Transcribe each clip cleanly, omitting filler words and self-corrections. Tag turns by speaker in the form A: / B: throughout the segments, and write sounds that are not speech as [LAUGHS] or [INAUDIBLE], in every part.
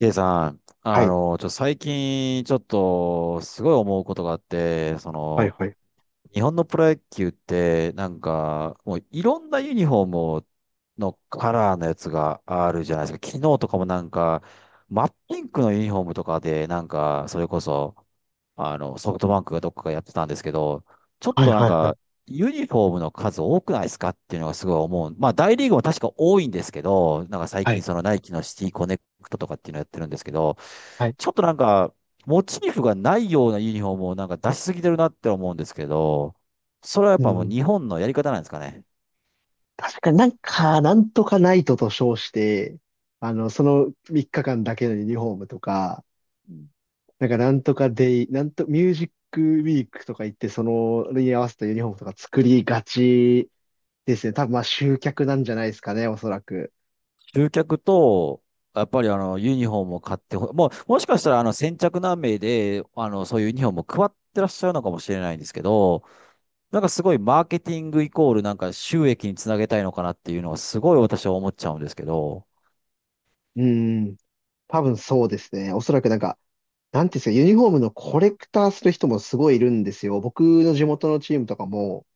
A: K さん、
B: はい。
A: 最近、ちょっと、すごい思うことがあって、
B: はいはい。
A: 日本のプロ野球って、もういろんなユニフォームのカラーのやつがあるじゃないですか。昨日とかもなんか、真っピンクのユニフォームとかで、それこそ、ソフトバンクがどっかがやってたんですけど、ちょっ
B: はい
A: となん
B: はいはい。
A: か、ユニフォームの数多くないですかっていうのがすごい思う。まあ、大リーグも確か多いんですけど、なんか最
B: は
A: 近
B: い。
A: そのナイキのシティコネクトとかっていうのやってるんですけど、
B: はい。
A: ちょっとなんか、モチーフがないようなユニフォームをなんか出しすぎてるなって思うんですけど、それはやっ
B: う
A: ぱもう
B: ん。
A: 日本のやり方なんですかね。
B: 確かになんとかナイトと称して、その3日間だけのユニフォームとか、なんかなんとかデイ、なんと、ミュージックウィークとか言って、合わせたユニフォームとか作りがちですね。多分まあ集客なんじゃないですかね、おそらく。
A: 集客と、やっぱりユニフォームを買ってほ、もう、もしかしたら先着何名で、そういうユニフォームを配ってらっしゃるのかもしれないんですけど、なんかすごいマーケティングイコールなんか収益につなげたいのかなっていうのはすごい私は思っちゃうんですけど。
B: うん。多分そうですね。おそらくなんか、なんていうんですか、ユニフォームのコレクターする人もすごいいるんですよ。僕の地元のチームとかも、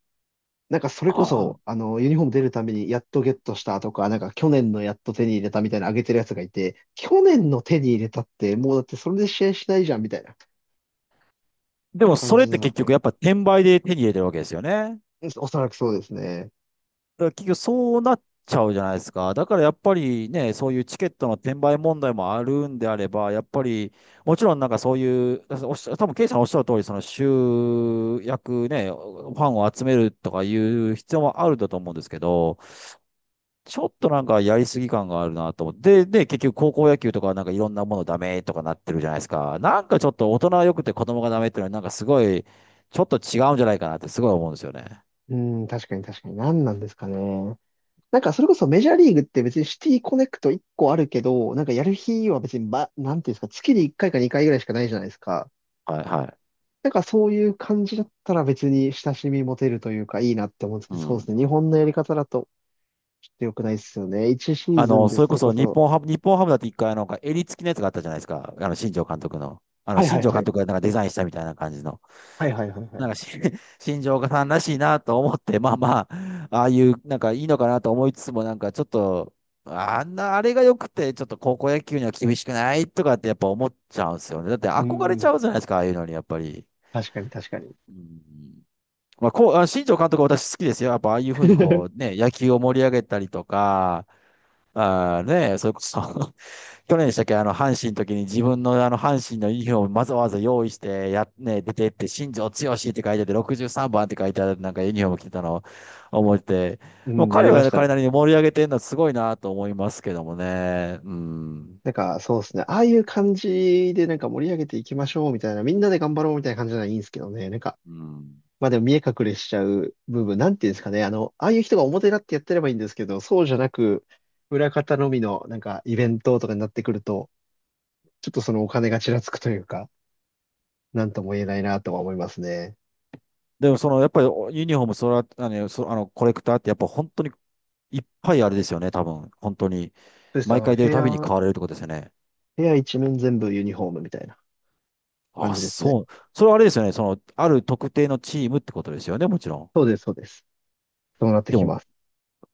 B: なんかそれこ
A: ああ。
B: そ、あの、ユニフォーム出るためにやっとゲットしたとか、なんか去年のやっと手に入れたみたいな上げてるやつがいて、去年の手に入れたって、もうだってそれで試合しないじゃんみたいな
A: でも
B: 感
A: それっ
B: じな
A: て
B: の
A: 結
B: で。
A: 局やっぱ転売で手に入れてるわけですよね。
B: うん、おそらくそうですね。
A: だから結局そうなっちゃうじゃないですか。だからやっぱりね、そういうチケットの転売問題もあるんであれば、やっぱりもちろんなんかそういう、おっしゃ、多分ケイさんおっしゃる通り、その集約ね、ファンを集めるとかいう必要もあるんだと思うんですけど、ちょっとなんかやりすぎ感があるなと思って。で、結局高校野球とかなんかいろんなものダメとかなってるじゃないですか。なんかちょっと大人は良くて子供がダメっていうのはなんかすごい、ちょっと違うんじゃないかなってすごい思うんですよね。
B: うん、確かに確かに。何なんですかね。なんかそれこそメジャーリーグって別にシティコネクト1個あるけど、なんかやる日は別に、ま、なんていうんですか、月に1回か2回ぐらいしかないじゃないですか。
A: はいはい。
B: なんかそういう感じだったら別に親しみ持てるというかいいなって思うんですけ
A: う
B: ど、そうで
A: ん。
B: すね。日本のやり方だとちょっと良くないっすよね。1シーズンで
A: それ
B: そ
A: こ
B: れこ
A: そ
B: そ、
A: 日本ハムだって一回なんか襟付きのやつがあったじゃないですか。新庄監督の。
B: はいは
A: 新
B: い
A: 庄
B: は
A: 監
B: い。
A: 督がなんかデザインしたみたいな感じの。
B: はいはいはいは
A: なん
B: い。
A: かし、[LAUGHS] 新庄岡さんらしいなと思って、まあ、ああいう、なんかいいのかなと思いつつも、なんかちょっと、あんな、あれが良くて、ちょっと高校野球には厳しくないとかってやっぱ思っちゃうんですよね。だって
B: う
A: 憧れ
B: んう
A: ち
B: ん。
A: ゃうじゃないですか、ああいうのに、やっぱり。
B: 確かに確かに。
A: うん。まあ、こう、あ、新庄監督は私好きですよ。やっぱああいうふうにこう、
B: [LAUGHS]
A: ね、野球を盛り上げたりとか、あーね、それこそ [LAUGHS] 去年でしたっけ、阪神の時に自分の阪神のユニフォームわざわざ用意して、や、ね、出てって、新庄剛志って書いてあって、63番って書いてある、なんかユニフォーム着てたのを思って、
B: う
A: もう
B: ん、や
A: 彼
B: りま
A: は
B: し
A: ね
B: たね。
A: 彼なりに盛り上げてるのはすごいなと思いますけどもね。うん。
B: なんか、そうですね。ああいう感じでなんか盛り上げていきましょうみたいな、みんなで頑張ろうみたいな感じならいいんですけどね。なんか、
A: うん。
B: まあでも見え隠れしちゃう部分、なんていうんですかね。あの、ああいう人が表立ってやってればいいんですけど、そうじゃなく、裏方のみのなんかイベントとかになってくると、ちょっとそのお金がちらつくというか、なんとも言えないなとは思いますね。
A: でもその、やっぱりユニフォーム、それは、あの、そ、あの、コレクターってやっぱ本当にいっぱいあれですよね、多分。本当に。
B: そうです。
A: 毎回出るたびに買われるってことですよね。
B: 部屋一面全部ユニフォームみたいな感
A: あ、
B: じですね。
A: そう。それはあれですよね。その、ある特定のチームってことですよね、もちろん。
B: そうです、そうです。そうなって
A: で
B: き
A: も、
B: ます。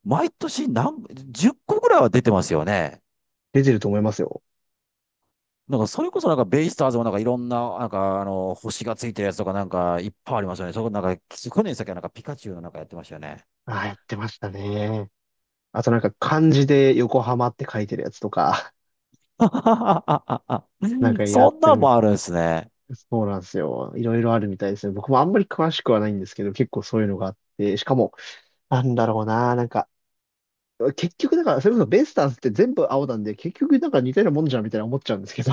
A: 毎年何、10個ぐらいは出てますよね。
B: 出てると思いますよ。
A: なんか、それこそなんか、ベイスターズもなんかいろんな、なんか、星がついてるやつとかなんか、いっぱいありますよね。そこなんか、去年先はなんかピカチュウのなんかやってましたよね。
B: ああ、やってましたね。あとなんか漢字で横浜って書いてるやつとか、[LAUGHS] なん
A: [LAUGHS]
B: かやっ
A: そん
B: て
A: な
B: る
A: ん
B: み
A: も
B: たい。
A: あるんですね。
B: そうなんですよ。いろいろあるみたいですね。僕もあんまり詳しくはないんですけど、結構そういうのがあって、しかも、なんだろうな、なんか、結局だから、それこそベイスターズって全部青なんで、結局なんか似たようなもんじゃんみたいな思っちゃうんですけど、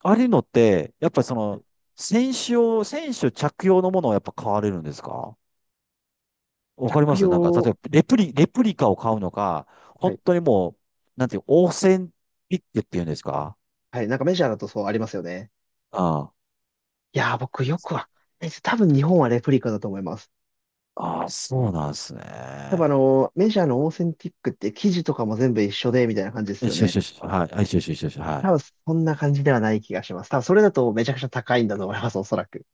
A: あれのって、やっぱりその、
B: [LAUGHS]
A: 選手着用のものをやっぱ買われるんですか。わ
B: 着
A: かりますなんか、
B: 用、
A: 例えば、レプリカを買うのか、
B: は
A: 本
B: い、
A: 当にもう、なんていう、オーセンティックっていうんですか。
B: はい、なんかメジャーだとそうありますよね。
A: うん。
B: いやー、僕よくわかんないです。多分日本はレプリカだと思います。
A: ああ、そうなんです
B: 多分あ
A: ね。
B: の、メジャーのオーセンティックって生地とかも全部一緒で、みたいな感じです
A: よ
B: よ
A: しよし
B: ね。
A: よし。[LAUGHS] はい。はいしよしよしよし。は
B: 多
A: い。
B: 分そんな感じではない気がします。多分それだとめちゃくちゃ高いんだと思います、おそらく。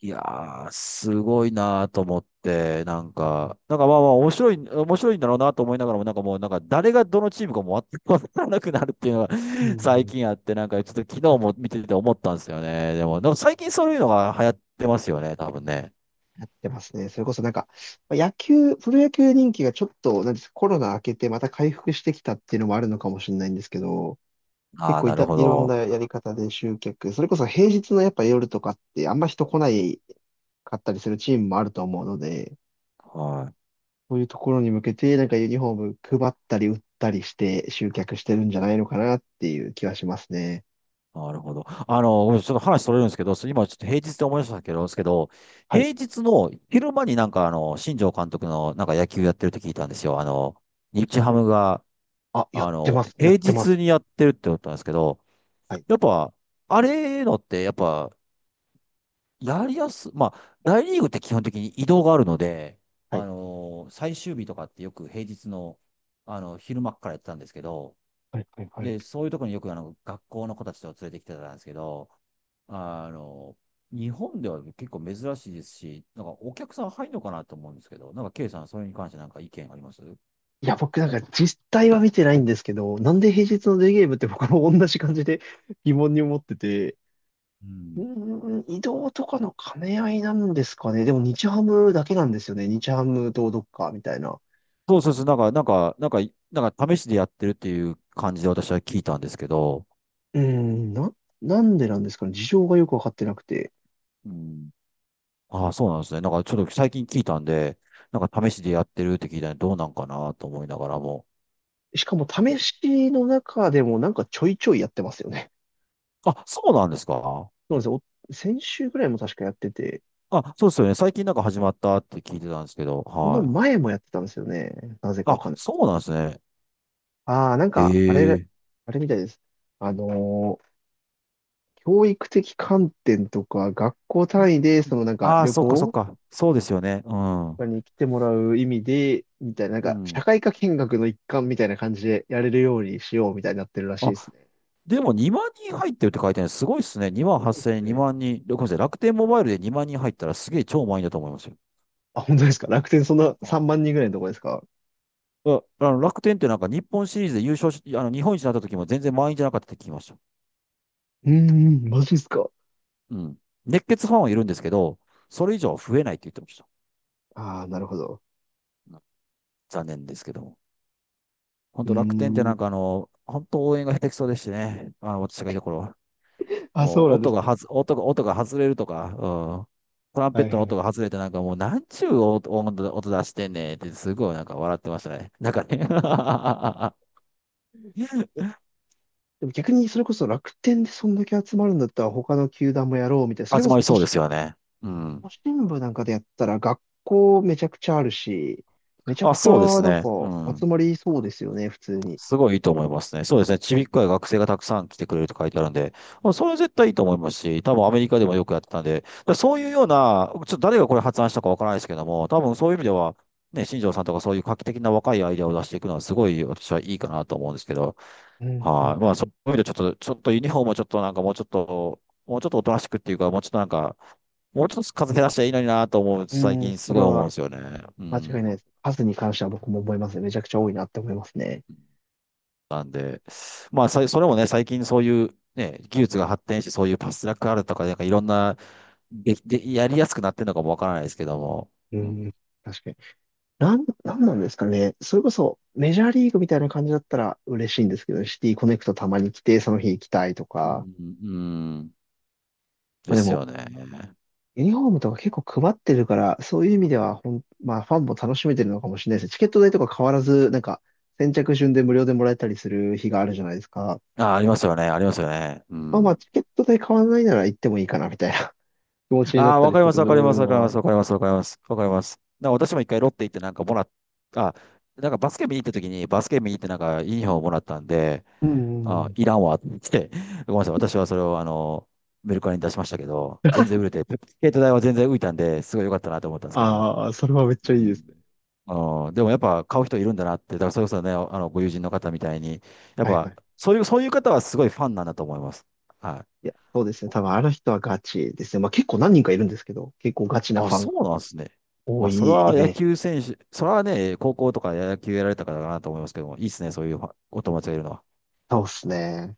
A: いやー、すごいなーと思って、なんか、なんかまあまあ面白い、面白いんだろうなと思いながらも、なんかもう、なんか誰がどのチームかも全 [LAUGHS] わからなくなるっていうのが
B: う
A: [LAUGHS] 最
B: ん。
A: 近あって、なんかちょっと昨日も見てて思ったんですよね。でも最近そういうのが流行ってますよね、多分ね。
B: やってますね。それこそなんか、まあ野球、プロ野球人気がちょっと、なんですか、コロナ明けてまた回復してきたっていうのもあるのかもしれないんですけど、
A: あ
B: 結
A: あ、
B: 構
A: な
B: い
A: る
B: た、
A: ほ
B: いろんな
A: ど。
B: やり方で集客、それこそ平日のやっぱ夜とかってあんま人来ないかったりするチームもあると思うので、
A: はい。
B: そういうところに向けて、なんかユニフォーム配ったり売ったりして集客してるんじゃないのかなっていう気はしますね。
A: なるほど。ごめんなさいちょっと話それるんですけど、今ちょっと平日で思い出したけど、ですけど、
B: はい。
A: 平日の昼間になんか新庄監督のなんか野球やってるって聞いたんですよ。日ハムが、
B: あ、やってます。や
A: 平
B: ってま
A: 日
B: す。
A: にやってるって思ったんですけど、
B: はい。
A: やっぱ、あれのって、やっぱ、やりやす、まあ、大リーグって基本的に移動があるので、
B: はい。
A: 最終日とかってよく平日の、昼間っからやってたんですけど、
B: はい。はい。は
A: で、
B: い。
A: そういうところによくあの学校の子たちと連れてきてたんですけど、あの、日本では結構珍しいですし、なんかお客さん入るのかなと思うんですけど、なんか K さん、それに関してなんか意見ありますう
B: いや、僕なんか実態は見てないんですけど、なんで平日のデーゲームって僕も同じ感じで [LAUGHS] 疑問に思ってて、う
A: ん
B: ーん、移動とかの兼ね合いなんですかね。でも日ハムだけなんですよね。日ハムとどっかみたいな。
A: そうそうそう、なんか、なんか、なんか、なんか試しでやってるっていう感じで私は聞いたんですけど、
B: うーん、なんでなんですかね。事情がよくわかってなくて。
A: うんああ、そうなんですね。なんかちょっと最近聞いたんで、なんか試しでやってるって聞いたんで、どうなんかなと思いながらも。
B: しかも試しの中でもなんかちょいちょいやってますよね。
A: あ、そうなんですか
B: そうなんですよ。お先週ぐらいも確かやってて、
A: あ、そうですよね。最近なんか始まったって聞いてたんですけど、
B: その
A: はい。
B: 前もやってたんですよね。なぜかわかん
A: あ、
B: ない。
A: そうなんですね。
B: ああ、なん
A: へ
B: か、あれ、
A: え。
B: あれみたいです。あのー教育的観点とか、学校単位で、そのなんか
A: ああー、
B: 旅
A: そっかそっ
B: 行
A: か。そうですよね。うん。
B: に来てもらう意味で、みたいな、なん
A: う
B: か、社
A: ん。
B: 会科見学の一環みたいな感じでやれるようにしようみたいになってるらしい
A: あ、
B: ですね。
A: でも2万人入ってるって書いてあるのすごいっすね。2万
B: そうで
A: 8000、
B: すね。
A: 2万人。ごめんなさい。楽天モバイルで2万人入ったらすげえ超満員だと思いますよ。
B: あ、本当ですか？楽天そんな
A: あ、
B: 3万人ぐらいのとこですか？
A: あの楽天ってなんか日本シリーズで優勝し、あの日本一になった時も全然満員じゃなかったって聞きました。
B: うーん、マジですか？
A: うん。熱血ファンはいるんですけど、それ以上は増えないって言ってました。
B: ああ、なるほど。
A: うん残念ですけども。本
B: うー
A: 当楽天ってな
B: ん。
A: んか本当応援が下手くそでしてね。私がいた頃は。
B: あ、そうなんで
A: 音
B: す
A: が
B: か。
A: はず、音が、音が外れるとか、うん。トランペ
B: は
A: ッ
B: い
A: ト
B: は
A: の音
B: い。
A: が外れてなんかもうなんちゅう音音出してんねんってすごいなんか笑ってましたね。なんかね
B: え、
A: [LAUGHS]
B: でも逆にそれこそ楽天でそんだけ集まるんだったら他の球団もやろうみたいな。それ
A: 集
B: こ
A: ま
B: そ
A: り
B: 都
A: そうで
B: 市、
A: すよね。うん。
B: 都心部なんかでやったら学校めちゃくちゃあるし、めちゃ
A: あ、
B: くち
A: そうで
B: ゃ
A: す
B: なん
A: ね。
B: か
A: う
B: 集
A: ん。
B: まりそうですよね、普通に。
A: すごいいいと思いますね。そうですね。ちびっこや学生がたくさん来てくれると書いてあるんで、もうそれは絶対いいと思いますし、多分アメリカでもよくやってたんで、だからそういうような、ちょっと誰がこれ発案したかわからないですけども、多分そういう意味では、ね、新庄さんとかそういう画期的な若いアイデアを出していくのはすごい私はいいかなと思うんですけど、
B: うん、う
A: は
B: ん、
A: い。まあ
B: う
A: そ
B: ん。
A: ういう意味でちょっと、ちょっとユニフォームをちょっとなんかもうちょっと、もうちょっとおとなしくっていうか、もうちょっとなんか、もうちょっと数減らしたらいいのになと思う、
B: う
A: 最
B: ん、
A: 近
B: そ
A: すご
B: れ
A: い思うん
B: は
A: ですよね。う
B: 間違い
A: ん。
B: ないです。数に関しては僕も思いますね。めちゃくちゃ多いなって思いますね。
A: まあ、それもね、最近そういう、ね、技術が発展して、そういうパスラックあるとか、なんかいろんな、で、やりやすくなってるのかもわからないですけども。
B: う
A: うん、
B: ん、確かに。なんなんですかね。それこそ、メジャーリーグみたいな感じだったら嬉しいんですけどね、シティコネクトたまに来て、その日行きたいと
A: う
B: か。
A: ん、うん
B: ま
A: で
B: あで
A: す
B: も、
A: よね。
B: ユニフォームとか結構配ってるから、そういう意味ではほん、まあファンも楽しめてるのかもしれないですね。チケット代とか変わらず、なんか、先着順で無料でもらえたりする日があるじゃないですか。
A: あ、ありますよね、ありますよね。う
B: まあまあ、
A: ん。
B: チケット代変わらないなら行ってもいいかな、みたいな [LAUGHS] 気持ちにな
A: あ
B: っ
A: あ、
B: た
A: わ
B: り
A: かり
B: す
A: ま
B: る
A: す、わかります、わ
B: の
A: かり
B: は
A: ま
B: あ
A: す、
B: る。
A: わかります、わかります、わかります。なんか私も一回ロッテ行ってなんかもらっ、あ、なんかバスケ見に行った時に、バスケ見に行ってなんかユニフォームもらったんで、
B: うんうんう
A: あ、
B: ん。
A: いらんわって、[LAUGHS] ごめんなさい。私はそれを、メルカリに出しましたけど、全然売れて、ペスケート代は全然浮いたんで、すごい良かったなと思ったんですけど。
B: ああ、それはめっ
A: う
B: ちゃいいで
A: ん。
B: すね。
A: あーでもやっぱ買う人いるんだなって、だからそれこそね、ご友人の方みたいに、やっ
B: はいは
A: ぱ、
B: い。
A: そういう方はすごいファンなんだと思います。は
B: いや、そうですね。
A: い。
B: 多分あの人はガチですね。まあ結構何人かいるんですけど、結構ガチな
A: あ、
B: ファン
A: そ
B: が
A: うなんですね。
B: 多
A: まあ、
B: いイメージ。
A: それはね、高校とか野球やられた方だなと思いますけども、いいですね、そういうファンお友達がいるのは。
B: そうですね。